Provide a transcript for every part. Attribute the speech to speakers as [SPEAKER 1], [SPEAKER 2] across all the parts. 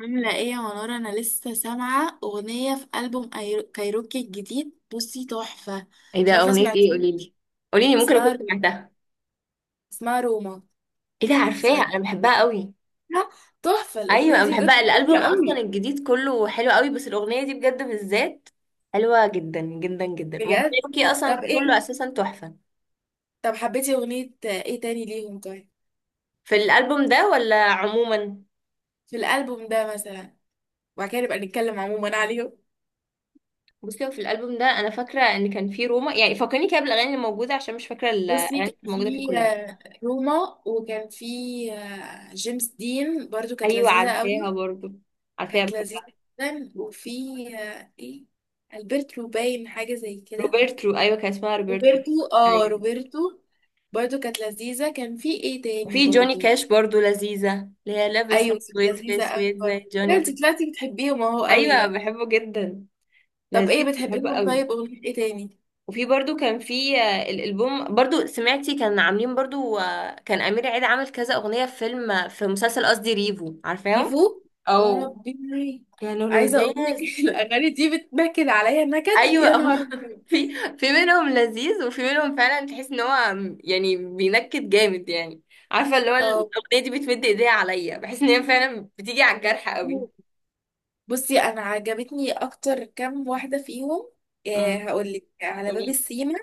[SPEAKER 1] عاملة ايه يا منورة؟ انا لسه سامعة اغنية في ألبوم كايروكي الجديد، بصي تحفة.
[SPEAKER 2] ايه ده؟
[SPEAKER 1] مش عارفة،
[SPEAKER 2] اغنية
[SPEAKER 1] سمعت؟
[SPEAKER 2] ايه؟ قولي لي. قولي لي، ممكن اكون
[SPEAKER 1] اسمها
[SPEAKER 2] سمعتها.
[SPEAKER 1] اسمها روما.
[SPEAKER 2] ايه ده؟ عارفاها،
[SPEAKER 1] سمعتها؟
[SPEAKER 2] انا بحبها قوي.
[SPEAKER 1] تحفة الاغنية
[SPEAKER 2] ايوه، انا
[SPEAKER 1] دي،
[SPEAKER 2] بحبها.
[SPEAKER 1] بجد جميلة
[SPEAKER 2] الالبوم اصلا
[SPEAKER 1] قوي.
[SPEAKER 2] الجديد كله حلو قوي، بس الاغنية دي بجد بالذات حلوة جدا جدا جدا.
[SPEAKER 1] بجد.
[SPEAKER 2] وكايروكي اصلا
[SPEAKER 1] طب
[SPEAKER 2] كله
[SPEAKER 1] ايه
[SPEAKER 2] اساسا تحفة.
[SPEAKER 1] طب حبيتي اغنية ايه تاني ليهم؟ طيب،
[SPEAKER 2] في الالبوم ده ولا عموما؟
[SPEAKER 1] في الألبوم ده مثلا، وبعد كده نبقى نتكلم عموما عليهم.
[SPEAKER 2] بصي، هو في الالبوم ده انا فاكرة ان كان في روما، يعني فكرني كده بالاغاني اللي موجودة، عشان مش فاكرة
[SPEAKER 1] بصي
[SPEAKER 2] الاغاني
[SPEAKER 1] كان
[SPEAKER 2] اللي موجودة فيه
[SPEAKER 1] في
[SPEAKER 2] كلها.
[SPEAKER 1] روما، وكان في جيمس دين، برضو كانت
[SPEAKER 2] ايوه،
[SPEAKER 1] لذيذة
[SPEAKER 2] عارفاها
[SPEAKER 1] قوي.
[SPEAKER 2] برضو. عارفاها،
[SPEAKER 1] كانت لذيذة
[SPEAKER 2] بحبها.
[SPEAKER 1] جدا، وفي ايه، البرتو، باين حاجة زي كده.
[SPEAKER 2] روبرترو، ايوه، كان اسمها روبرترو.
[SPEAKER 1] روبرتو، اه،
[SPEAKER 2] ايوه.
[SPEAKER 1] روبرتو، برضو كانت لذيذة. كان في ايه تاني
[SPEAKER 2] وفي جوني
[SPEAKER 1] برضو؟
[SPEAKER 2] كاش برضو لذيذة، اللي هي لابس
[SPEAKER 1] ايوه كانت
[SPEAKER 2] اسود في
[SPEAKER 1] لذيذة
[SPEAKER 2] اسود
[SPEAKER 1] اكبر.
[SPEAKER 2] زي جوني كاش.
[SPEAKER 1] انت طلعتي بتحبيهم اهو قوي
[SPEAKER 2] ايوه،
[SPEAKER 1] بقى.
[SPEAKER 2] بحبه جدا.
[SPEAKER 1] طب، ايه
[SPEAKER 2] لذيذ، بحبه
[SPEAKER 1] بتحبيهم؟
[SPEAKER 2] قوي.
[SPEAKER 1] طيب اغنية ايه تاني؟
[SPEAKER 2] وفي برضو كان في الالبوم، برضو سمعتي كان عاملين برضو؟ كان امير عيد عامل كذا اغنية في فيلم، في مسلسل، قصدي ريفو، عارفاهم؟
[SPEAKER 1] ديفو. يا
[SPEAKER 2] او
[SPEAKER 1] ربي،
[SPEAKER 2] كانوا
[SPEAKER 1] عايزة اقول
[SPEAKER 2] لذاذ.
[SPEAKER 1] لك الاغاني دي بتنكد عليا نكد، يا
[SPEAKER 2] ايوه،
[SPEAKER 1] نهار
[SPEAKER 2] هم
[SPEAKER 1] أبيض.
[SPEAKER 2] في منهم لذيذ، وفي منهم فعلا تحس ان هو يعني بينكد جامد يعني. عارفه، اللي هو
[SPEAKER 1] اه
[SPEAKER 2] الاغنيه دي بتمد ايديها عليا، بحس ان هي فعلا بتيجي على الجرح.
[SPEAKER 1] بصي، انا عجبتني اكتر كام واحدة فيهم.
[SPEAKER 2] قوي.
[SPEAKER 1] هقول لك على
[SPEAKER 2] قولي
[SPEAKER 1] باب
[SPEAKER 2] لي.
[SPEAKER 1] السيما،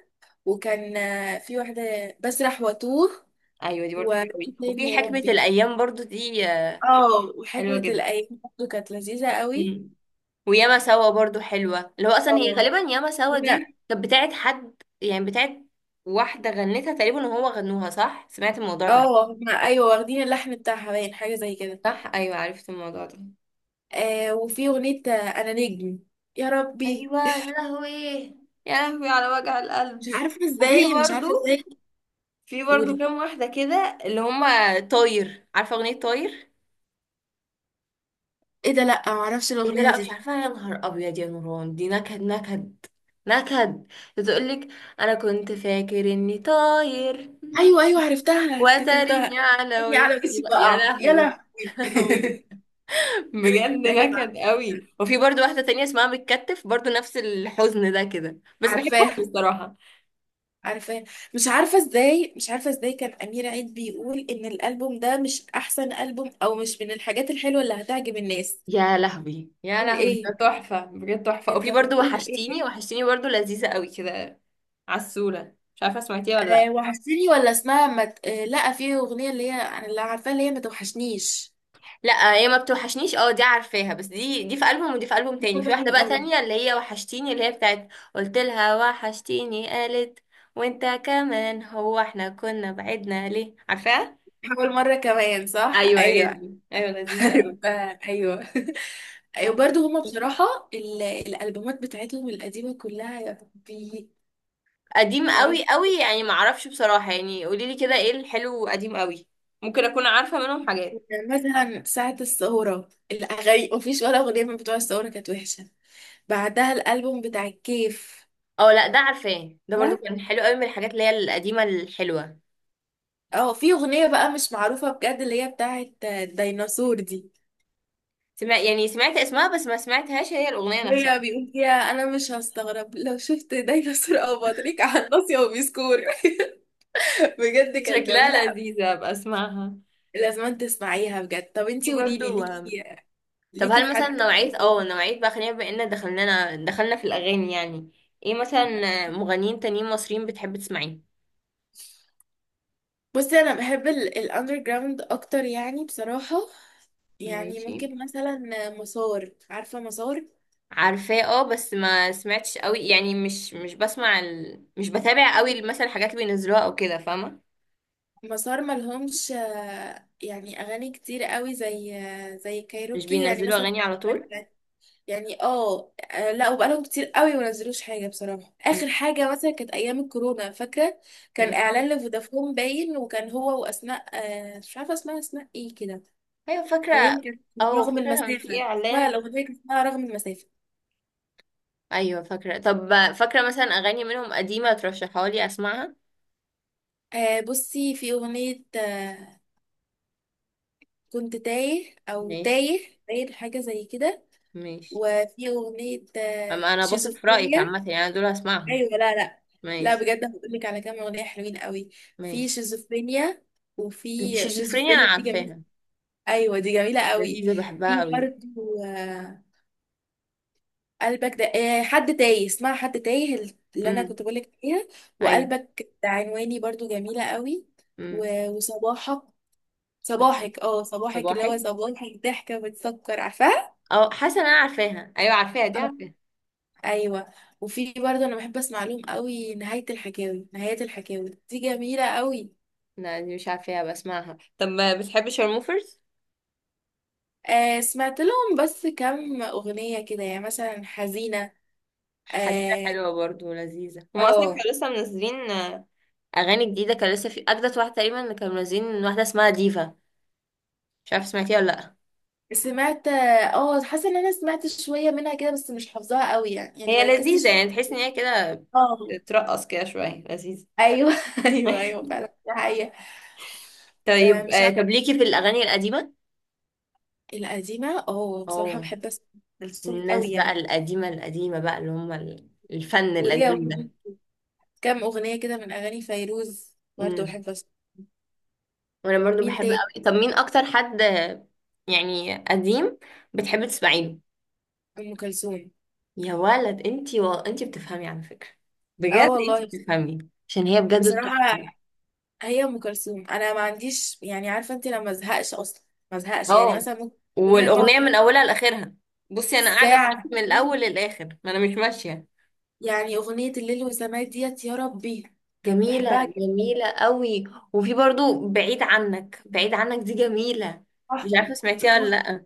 [SPEAKER 1] وكان في واحدة بسرح واتوه.
[SPEAKER 2] ايوه، دي برضو حلوه
[SPEAKER 1] وإيه
[SPEAKER 2] قوي.
[SPEAKER 1] تاني
[SPEAKER 2] وفي
[SPEAKER 1] يا
[SPEAKER 2] حكمه
[SPEAKER 1] ربي؟
[SPEAKER 2] الايام برضو دي،
[SPEAKER 1] اه،
[SPEAKER 2] حلوه
[SPEAKER 1] وحكمة
[SPEAKER 2] جدا.
[SPEAKER 1] الأيام برضه كانت لذيذة قوي.
[SPEAKER 2] امم وياما سوا برضو حلوه، اللي هو اصلا هي
[SPEAKER 1] اه.
[SPEAKER 2] غالبا ياما سوا دي
[SPEAKER 1] فاكرة-
[SPEAKER 2] كانت بتاعت حد، يعني بتاعت واحده غنتها تقريبا وهو غنوها، صح؟ سمعت الموضوع ده؟
[SPEAKER 1] اه، هما أيوة واخدين اللحن بتاعها باين حاجة زي كده.
[SPEAKER 2] صح، ايوه عرفت الموضوع ده.
[SPEAKER 1] وفي أغنية أنا نجم. يا ربي،
[SPEAKER 2] ايوه، يا لهوي، يا لهوي على وجع القلب.
[SPEAKER 1] مش عارفة
[SPEAKER 2] وفي
[SPEAKER 1] ازاي، مش عارفة
[SPEAKER 2] برضو
[SPEAKER 1] ازاي.
[SPEAKER 2] في برضو
[SPEAKER 1] قولي.
[SPEAKER 2] كام واحده كده، اللي هما طاير، عارفه اغنيه طاير؟
[SPEAKER 1] ايه ده، لأ معرفش
[SPEAKER 2] إيه ده؟
[SPEAKER 1] الأغنية
[SPEAKER 2] لا مش
[SPEAKER 1] دي.
[SPEAKER 2] عارفة، يا نهار أبيض يا نوران، دي نكد نكد نكد. بتقولك أنا كنت فاكر إني طاير.
[SPEAKER 1] أيوة أيوة، عرفتها، أنا
[SPEAKER 2] وتريني
[SPEAKER 1] افتكرتها.
[SPEAKER 2] على
[SPEAKER 1] عيني على
[SPEAKER 2] وشي
[SPEAKER 1] وشي
[SPEAKER 2] بقى. يا
[SPEAKER 1] بقع، يا
[SPEAKER 2] لهوي، يا
[SPEAKER 1] لهوي
[SPEAKER 2] لهوي. بجد
[SPEAKER 1] أيوة
[SPEAKER 2] نكد
[SPEAKER 1] عرفتها،
[SPEAKER 2] قوي. وفي برضو واحدة تانية اسمها بتكتف، برضو نفس الحزن ده كده، بس بحبهم
[SPEAKER 1] عارفاها،
[SPEAKER 2] الصراحة.
[SPEAKER 1] عارفاه. مش عارفه ازاي، مش عارفه ازاي، كان امير عيد بيقول ان الالبوم ده مش احسن البوم، او مش من الحاجات الحلوه اللي هتعجب الناس.
[SPEAKER 2] يا لهوي، يا
[SPEAKER 1] بتقول
[SPEAKER 2] لهوي،
[SPEAKER 1] ايه؟
[SPEAKER 2] ده تحفة بجد تحفة.
[SPEAKER 1] انت
[SPEAKER 2] وفي برضو
[SPEAKER 1] بتقول ايه؟
[SPEAKER 2] وحشتيني، وحشتيني برضو لذيذة قوي كده. عسولة، مش عارفة سمعتيها ولا لأ؟
[SPEAKER 1] وحشتني؟ ولا اسمها مت... لا، في اغنيه اللي هي انا اللي عارفاها، اللي هي ما توحشنيش.
[SPEAKER 2] لا هي ما بتوحشنيش، اه دي عارفاها، بس دي في ألبوم ودي في ألبوم
[SPEAKER 1] دي
[SPEAKER 2] تاني.
[SPEAKER 1] برضه
[SPEAKER 2] في واحدة
[SPEAKER 1] حلوه
[SPEAKER 2] بقى
[SPEAKER 1] قوي.
[SPEAKER 2] تانية، اللي هي وحشتيني، اللي هي بتاعت. قلت لها وحشتيني، قالت وانت كمان، هو احنا كنا بعدنا ليه؟ عارفاها؟
[SPEAKER 1] حاول مره كمان، صح،
[SPEAKER 2] ايوه، هي
[SPEAKER 1] ايوه
[SPEAKER 2] دي. ايوه، لذيذة قوي.
[SPEAKER 1] عارفاها ايوه. ايوه، برضه هما بصراحه، الالبومات بتاعتهم القديمه كلها، يا ربي.
[SPEAKER 2] قديم
[SPEAKER 1] يا
[SPEAKER 2] قوي قوي، يعني ما اعرفش بصراحة، يعني قولي لي كده ايه الحلو؟ قديم قوي. ممكن اكون عارفة منهم حاجات.
[SPEAKER 1] يعني مثلا، ساعة الثورة الأغاني مفيش ولا أغنية من بتوع الثورة كانت وحشة. بعدها الألبوم بتاع الكيف.
[SPEAKER 2] اه، لا ده عارفاه، ده برضو
[SPEAKER 1] ها؟
[SPEAKER 2] كان حلو قوي، من الحاجات اللي هي القديمة الحلوة.
[SPEAKER 1] اه، في أغنية بقى مش معروفة بجد اللي هي بتاعت الديناصور دي.
[SPEAKER 2] يعني سمعت اسمها، بس ما سمعتهاش هي الأغنية نفسها.
[SPEAKER 1] هي بيقول فيها: أنا مش هستغرب لو شفت ديناصور أو بطريق على الناصية وبيسكور. بجد كانت
[SPEAKER 2] شكلها
[SPEAKER 1] جميلة أوي.
[SPEAKER 2] لذيذة، ابقى اسمعها.
[SPEAKER 1] لازم تسمعيها بجد. طب
[SPEAKER 2] دي
[SPEAKER 1] انتي قوليلي،
[SPEAKER 2] برضو.
[SPEAKER 1] ليكي
[SPEAKER 2] طب
[SPEAKER 1] ليكي في
[SPEAKER 2] هل مثلا
[SPEAKER 1] حد؟
[SPEAKER 2] نوعية بقى، خلينا بما ان دخلنا في الأغاني يعني. ايه مثلا؟ مغنيين تانيين مصريين بتحب تسمعيه؟
[SPEAKER 1] بصي، انا بحب الاندر جراوند اكتر يعني بصراحة. يعني
[SPEAKER 2] ماشي.
[SPEAKER 1] ممكن مثلا مسار، عارفة مسار؟
[SPEAKER 2] عارفاه، اه بس ما سمعتش قوي يعني، مش مش بسمع ال... مش بتابع قوي مثلا الحاجات اللي بينزلوها او كده، فاهمة؟
[SPEAKER 1] مسار ملهمش يعني اغاني كتير قوي، زي
[SPEAKER 2] مش
[SPEAKER 1] كايروكي يعني
[SPEAKER 2] بينزلوا
[SPEAKER 1] مثلا.
[SPEAKER 2] أغاني على
[SPEAKER 1] اغاني
[SPEAKER 2] طول؟
[SPEAKER 1] بتاعت- يعني لا، وبقالهم كتير قوي ما نزلوش حاجة بصراحة. اخر حاجة مثلا كانت ايام الكورونا، فاكرة؟ كان
[SPEAKER 2] مم.
[SPEAKER 1] اعلان لفودافون باين، وكان هو واسماء، مش عارفة اسمها اسماء ايه كده.
[SPEAKER 2] ايوه فاكرة.
[SPEAKER 1] ليه كانت،
[SPEAKER 2] اه
[SPEAKER 1] رغم
[SPEAKER 2] فاكرة كان في
[SPEAKER 1] المسافة، لا
[SPEAKER 2] اعلان.
[SPEAKER 1] الاغنية كانت اسمها رغم المسافة.
[SPEAKER 2] ايوه فاكرة. طب فاكرة مثلا أغاني منهم قديمة ترشحها لي اسمعها؟
[SPEAKER 1] بصي، في أغنية كنت تايه، أو
[SPEAKER 2] ماشي.
[SPEAKER 1] تايه تايه حاجة زي كده.
[SPEAKER 2] ماشي،
[SPEAKER 1] وفي أغنية
[SPEAKER 2] اما انا بثق في رايك
[SPEAKER 1] شيزوفرينيا.
[SPEAKER 2] عامه، يعني أنا دول هسمعهم.
[SPEAKER 1] أيوة، لا لا. لا
[SPEAKER 2] ماشي.
[SPEAKER 1] بجد، هقولك على كام أغنية حلوين قوي. في
[SPEAKER 2] ماشي.
[SPEAKER 1] شيزوفرينيا، وفي
[SPEAKER 2] شيزوفرينيا انا
[SPEAKER 1] شيزوفرينيا دي جميلة.
[SPEAKER 2] عارفاها.
[SPEAKER 1] أيوة دي جميلة قوي.
[SPEAKER 2] لذيذه،
[SPEAKER 1] في
[SPEAKER 2] بحبها قوي.
[SPEAKER 1] برضه آه قلبك ده، حد تايه، اسمها حد تايه، اللي أنا
[SPEAKER 2] امم.
[SPEAKER 1] كنت بقولك عليها.
[SPEAKER 2] ايوه.
[SPEAKER 1] وقلبك ده عنواني برضه جميلة قوي.
[SPEAKER 2] امم
[SPEAKER 1] وصباحك.
[SPEAKER 2] صب-
[SPEAKER 1] صباحك اه صباحك اللي هو
[SPEAKER 2] صباحك.
[SPEAKER 1] صباحك ضحكة بتسكر، عارفاها؟
[SPEAKER 2] اه، حاسه إن انا عارفاها، ايوه عارفاها، دي
[SPEAKER 1] آه.
[SPEAKER 2] عارفاها.
[SPEAKER 1] ايوه. وفي برضه انا بحب اسمع لهم قوي. نهاية الحكاوي، نهاية الحكاوي دي جميلة قوي.
[SPEAKER 2] لا، دي مش عارفاها، بسمعها. طب ما بتحبي شارموفرز؟
[SPEAKER 1] سمعت لهم بس كم اغنية كده، يعني مثلا حزينة.
[SPEAKER 2] حديثة
[SPEAKER 1] اه.
[SPEAKER 2] حلوة برضو ولذيذة. هما أصلا
[SPEAKER 1] آه.
[SPEAKER 2] كانوا لسه منزلين أغاني جديدة. كان لسه في أجدد واحدة تقريبا اللي كانوا منزلين، واحدة اسمها ديفا. مش عارفة سمعتيها ولا لأ؟
[SPEAKER 1] سمعت، حاسة ان انا سمعت شوية منها كده، بس مش حافظاها قوي يعني
[SPEAKER 2] هي لذيذة،
[SPEAKER 1] مركزتش.
[SPEAKER 2] يعني تحس إن هي كده
[SPEAKER 1] اه
[SPEAKER 2] ترقص كده شوية، لذيذة.
[SPEAKER 1] ايوه. ايوه ايوه، فعلا دي حقيقة.
[SPEAKER 2] طيب،
[SPEAKER 1] مش عارفة.
[SPEAKER 2] طب ليكي في الأغاني القديمة؟
[SPEAKER 1] القديمة، بصراحة
[SPEAKER 2] اه،
[SPEAKER 1] بحب اسمع كلثوم قوي
[SPEAKER 2] الناس بقى
[SPEAKER 1] يعني.
[SPEAKER 2] القديمة القديمة بقى، اللي هم الفن
[SPEAKER 1] وليا
[SPEAKER 2] القديم
[SPEAKER 1] برضه
[SPEAKER 2] ده.
[SPEAKER 1] كام أغنية كده من أغاني فيروز برضه
[SPEAKER 2] امم
[SPEAKER 1] بحب أسمع.
[SPEAKER 2] وأنا برضو
[SPEAKER 1] مين
[SPEAKER 2] بحب
[SPEAKER 1] تاني؟
[SPEAKER 2] أوي. طب مين أكتر حد، يعني قديم، بتحبي تسمعي له؟
[SPEAKER 1] أم كلثوم.
[SPEAKER 2] يا ولد انتي انتي بتفهمي، على فكرة.
[SPEAKER 1] اه
[SPEAKER 2] بجد، انتي
[SPEAKER 1] والله،
[SPEAKER 2] بتفهمي. عشان هي بجد
[SPEAKER 1] بصراحة.
[SPEAKER 2] تحفة.
[SPEAKER 1] هي أم كلثوم، أنا ما عنديش يعني، عارفة أنت، لما أزهقش أصلا، ما أزهقش يعني
[SPEAKER 2] اه،
[SPEAKER 1] مثلا. ممكن أغنية تقعد
[SPEAKER 2] والأغنية من
[SPEAKER 1] تلات
[SPEAKER 2] أولها لآخرها. بصي، أنا قاعدة معاكي
[SPEAKER 1] ساعة.
[SPEAKER 2] من الأول للآخر، ما أنا مش ماشية.
[SPEAKER 1] يعني أغنية الليل والسماء ديت، يا ربي، بحبها
[SPEAKER 2] جميلة،
[SPEAKER 1] جدا.
[SPEAKER 2] جميلة قوي. وفي برضو بعيد عنك، بعيد عنك دي جميلة. مش
[SPEAKER 1] تحفة.
[SPEAKER 2] عارفة
[SPEAKER 1] دي
[SPEAKER 2] سمعتيها ولا
[SPEAKER 1] تحفة.
[SPEAKER 2] لأ؟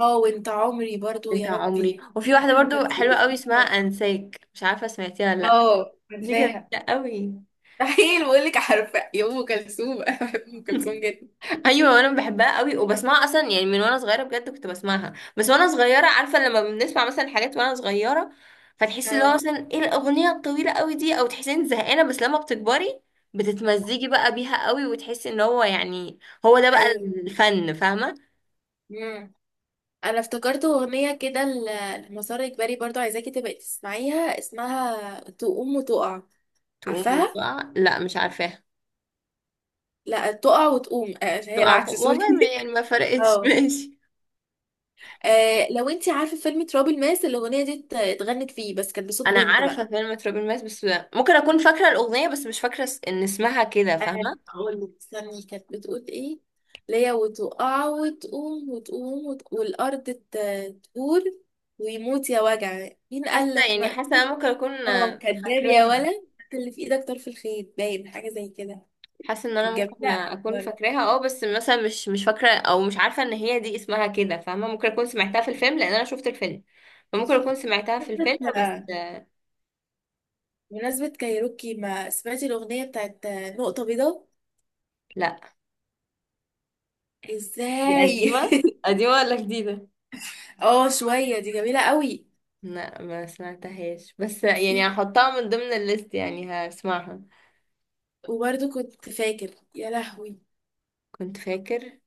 [SPEAKER 1] اه، وأنت عمري برضه، يا
[SPEAKER 2] بتاع
[SPEAKER 1] ربي.
[SPEAKER 2] عمري. وفي
[SPEAKER 1] لا
[SPEAKER 2] واحدة
[SPEAKER 1] أم
[SPEAKER 2] برضو
[SPEAKER 1] كلثوم،
[SPEAKER 2] حلوة قوي اسمها أنساك، مش عارفة سمعتيها ولا لأ؟
[SPEAKER 1] اه
[SPEAKER 2] دي جميلة
[SPEAKER 1] عارفاها.
[SPEAKER 2] قوي.
[SPEAKER 1] مستحيل بقول لك عارفة يا أم كلثوم أنا بحب أم كلثوم جدا.
[SPEAKER 2] ايوه، انا بحبها قوي، وبسمعها اصلا يعني من وانا صغيره. بجد كنت بسمعها، بس وانا صغيره، عارفه، لما بنسمع مثلا حاجات وانا صغيره، فتحسي اللي هو
[SPEAKER 1] اه
[SPEAKER 2] مثلا ايه الاغنيه الطويله قوي دي، او تحسي انك زهقانه. بس لما بتكبري، بتتمزجي بقى بيها قوي، وتحسي ان هو يعني، هو ده بقى
[SPEAKER 1] ايوه
[SPEAKER 2] الفن، فاهمه؟
[SPEAKER 1] امم. انا افتكرت اغنيه كده لمسار اجباري، برضو عايزاكي تبقي تسمعيها، اسمها تقوم وتقع.
[SPEAKER 2] تقوم
[SPEAKER 1] عارفاها؟
[SPEAKER 2] وتقع؟ لا مش عارفاها.
[SPEAKER 1] لا، تقع وتقوم، هي
[SPEAKER 2] تقع
[SPEAKER 1] العكس، سوري.
[SPEAKER 2] والله يعني ما فرقتش.
[SPEAKER 1] اه.
[SPEAKER 2] ماشي.
[SPEAKER 1] لو انتي عارفه فيلم تراب الماس، الاغنيه دي اتغنت فيه، بس كانت بصوت
[SPEAKER 2] انا
[SPEAKER 1] بنت
[SPEAKER 2] عارفه
[SPEAKER 1] بقى.
[SPEAKER 2] كلمه تراب الماس بس، ممكن اكون فاكره الاغنيه، بس مش فاكره ان اسمها كده،
[SPEAKER 1] انا
[SPEAKER 2] فاهمه.
[SPEAKER 1] هقول لك، استني كانت بتقول ايه. ليا وتقع وتقوم، وتقوم والارض تقول، ويموت يا وجع مين قال
[SPEAKER 2] حاسه
[SPEAKER 1] لك.
[SPEAKER 2] يعني حاسه انا ممكن اكون
[SPEAKER 1] اه، كداب يا
[SPEAKER 2] فاكراها.
[SPEAKER 1] ولد، حط اللي في ايدك طرف الخيط، باين حاجه زي كده.
[SPEAKER 2] حاسه ان انا
[SPEAKER 1] كانت
[SPEAKER 2] ممكن
[SPEAKER 1] جميله
[SPEAKER 2] اكون
[SPEAKER 1] برضه.
[SPEAKER 2] فاكراها، اه بس مثلا مش فاكره، او مش عارفه ان هي دي اسمها كده، فاهمه؟ ممكن اكون سمعتها في الفيلم لان انا شفت الفيلم. فممكن اكون سمعتها في الفيلم بس
[SPEAKER 1] لا، بمناسبه كايروكي، ما سمعتي الاغنيه بتاعت نقطه بيضاء؟
[SPEAKER 2] لا. دي
[SPEAKER 1] ازاي؟
[SPEAKER 2] قديمه قديمه ولا جديده؟
[SPEAKER 1] اه شويه، دي جميله قوي.
[SPEAKER 2] لا ما سمعتهاش، بس يعني
[SPEAKER 1] ميرسي.
[SPEAKER 2] هحطها من ضمن الليست، يعني هسمعها.
[SPEAKER 1] وبرضه كنت فاكر، يا لهوي.
[SPEAKER 2] كنت فاكر؟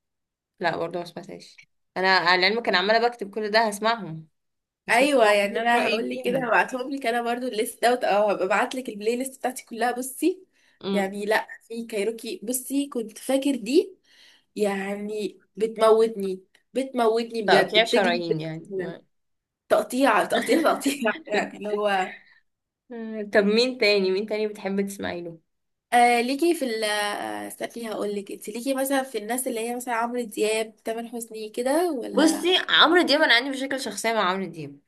[SPEAKER 2] لا برضه ما سمعتهاش. انا على العلم، كان عماله بكتب كل ده هسمعهم
[SPEAKER 1] ايوه
[SPEAKER 2] واقول
[SPEAKER 1] يعني،
[SPEAKER 2] لك
[SPEAKER 1] انا
[SPEAKER 2] رايي
[SPEAKER 1] هقول لك كده،
[SPEAKER 2] فيهم.
[SPEAKER 1] هبعتهم لك. انا برضه الليست دوت، هبقى ابعت لك البلاي ليست بتاعتي كلها، بصي.
[SPEAKER 2] امم.
[SPEAKER 1] يعني، لا، في كايروكي بصي كنت فاكر دي، يعني بتموتني. بتموتني بجد،
[SPEAKER 2] تقطيع
[SPEAKER 1] بتجلد
[SPEAKER 2] شرايين يعني
[SPEAKER 1] كده. تقطيع تقطيع تقطيع. يعني اللي هو،
[SPEAKER 2] طب مين تاني بتحب تسمعي له؟
[SPEAKER 1] ليكي في استني، هقول لك انت، ليكي مثلا في الناس اللي هي مثلا عمرو دياب، تامر حسني كده ولا؟
[SPEAKER 2] بصي عمرو دياب، انا عندي مشاكل شخصيه مع عمرو دياب.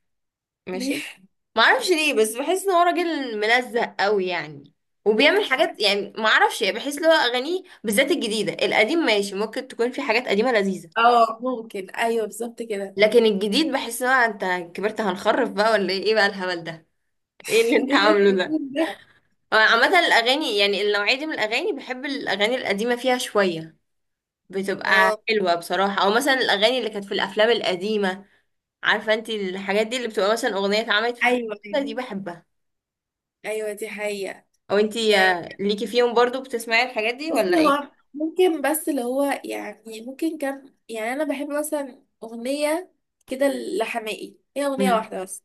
[SPEAKER 1] ليه؟
[SPEAKER 2] ماشي. معرفش ليه، بس بحس ان هو راجل ملزق قوي يعني، وبيعمل حاجات يعني، معرفش يعني، بحس ان هو اغانيه بالذات الجديده، القديم ماشي، ممكن تكون في حاجات قديمه لذيذه.
[SPEAKER 1] اه، ممكن، ايوه بالظبط كده.
[SPEAKER 2] لكن الجديد بحس ان هو، انت كبرت هنخرف بقى ولا ايه؟ إيه بقى الهبل ده؟ ايه اللي انت
[SPEAKER 1] ايه اللي
[SPEAKER 2] عامله
[SPEAKER 1] انت
[SPEAKER 2] ده؟
[SPEAKER 1] بتقول ده؟
[SPEAKER 2] هو عامه الاغاني يعني النوعيه دي من الاغاني، بحب الاغاني القديمه فيها شويه، بتبقى
[SPEAKER 1] اه
[SPEAKER 2] حلوه بصراحه، او مثلا الاغاني اللي كانت في الافلام القديمه. عارفه انت الحاجات دي اللي بتبقى مثلا اغنيه اتعملت في
[SPEAKER 1] ايوه
[SPEAKER 2] فيلم،
[SPEAKER 1] ايوه.
[SPEAKER 2] دي بحبها.
[SPEAKER 1] أيوة، دي حقيقة.
[SPEAKER 2] او انتي
[SPEAKER 1] يعني،
[SPEAKER 2] ليكي فيهم برضو، بتسمعي الحاجات دي
[SPEAKER 1] بصي
[SPEAKER 2] ولا ايه؟
[SPEAKER 1] هو ممكن، بس اللي هو يعني ممكن كم يعني، انا بحب مثلا اغنية كده لحماقي، هي اغنية
[SPEAKER 2] امم.
[SPEAKER 1] واحدة بس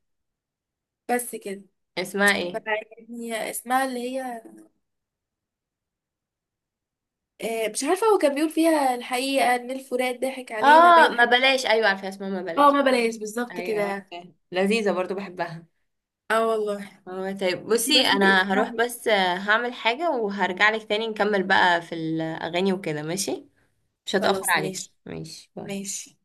[SPEAKER 1] بس كده.
[SPEAKER 2] اسمها ايه؟
[SPEAKER 1] فيعني اسمها اللي هي، مش عارفة، هو كان بيقول فيها الحقيقة ان الفرات ضحك علينا،
[SPEAKER 2] اه
[SPEAKER 1] باين
[SPEAKER 2] ما
[SPEAKER 1] حاجة.
[SPEAKER 2] بلاش، ايوه عارفه اسمها ما بلاش.
[SPEAKER 1] اه، ما بلاش بالظبط
[SPEAKER 2] ايوه.
[SPEAKER 1] كده.
[SPEAKER 2] عارفة. لذيذه برضو بحبها.
[SPEAKER 1] اه والله.
[SPEAKER 2] اه، طيب،
[SPEAKER 1] انتي
[SPEAKER 2] بصي
[SPEAKER 1] بس
[SPEAKER 2] انا هروح
[SPEAKER 1] باسمها.
[SPEAKER 2] بس، هعمل حاجه وهرجع لك تاني، نكمل بقى في الاغاني وكده، ماشي؟ مش هتاخر
[SPEAKER 1] خلاص ماشي.
[SPEAKER 2] عليكي. ماشي، باي.
[SPEAKER 1] ماشي.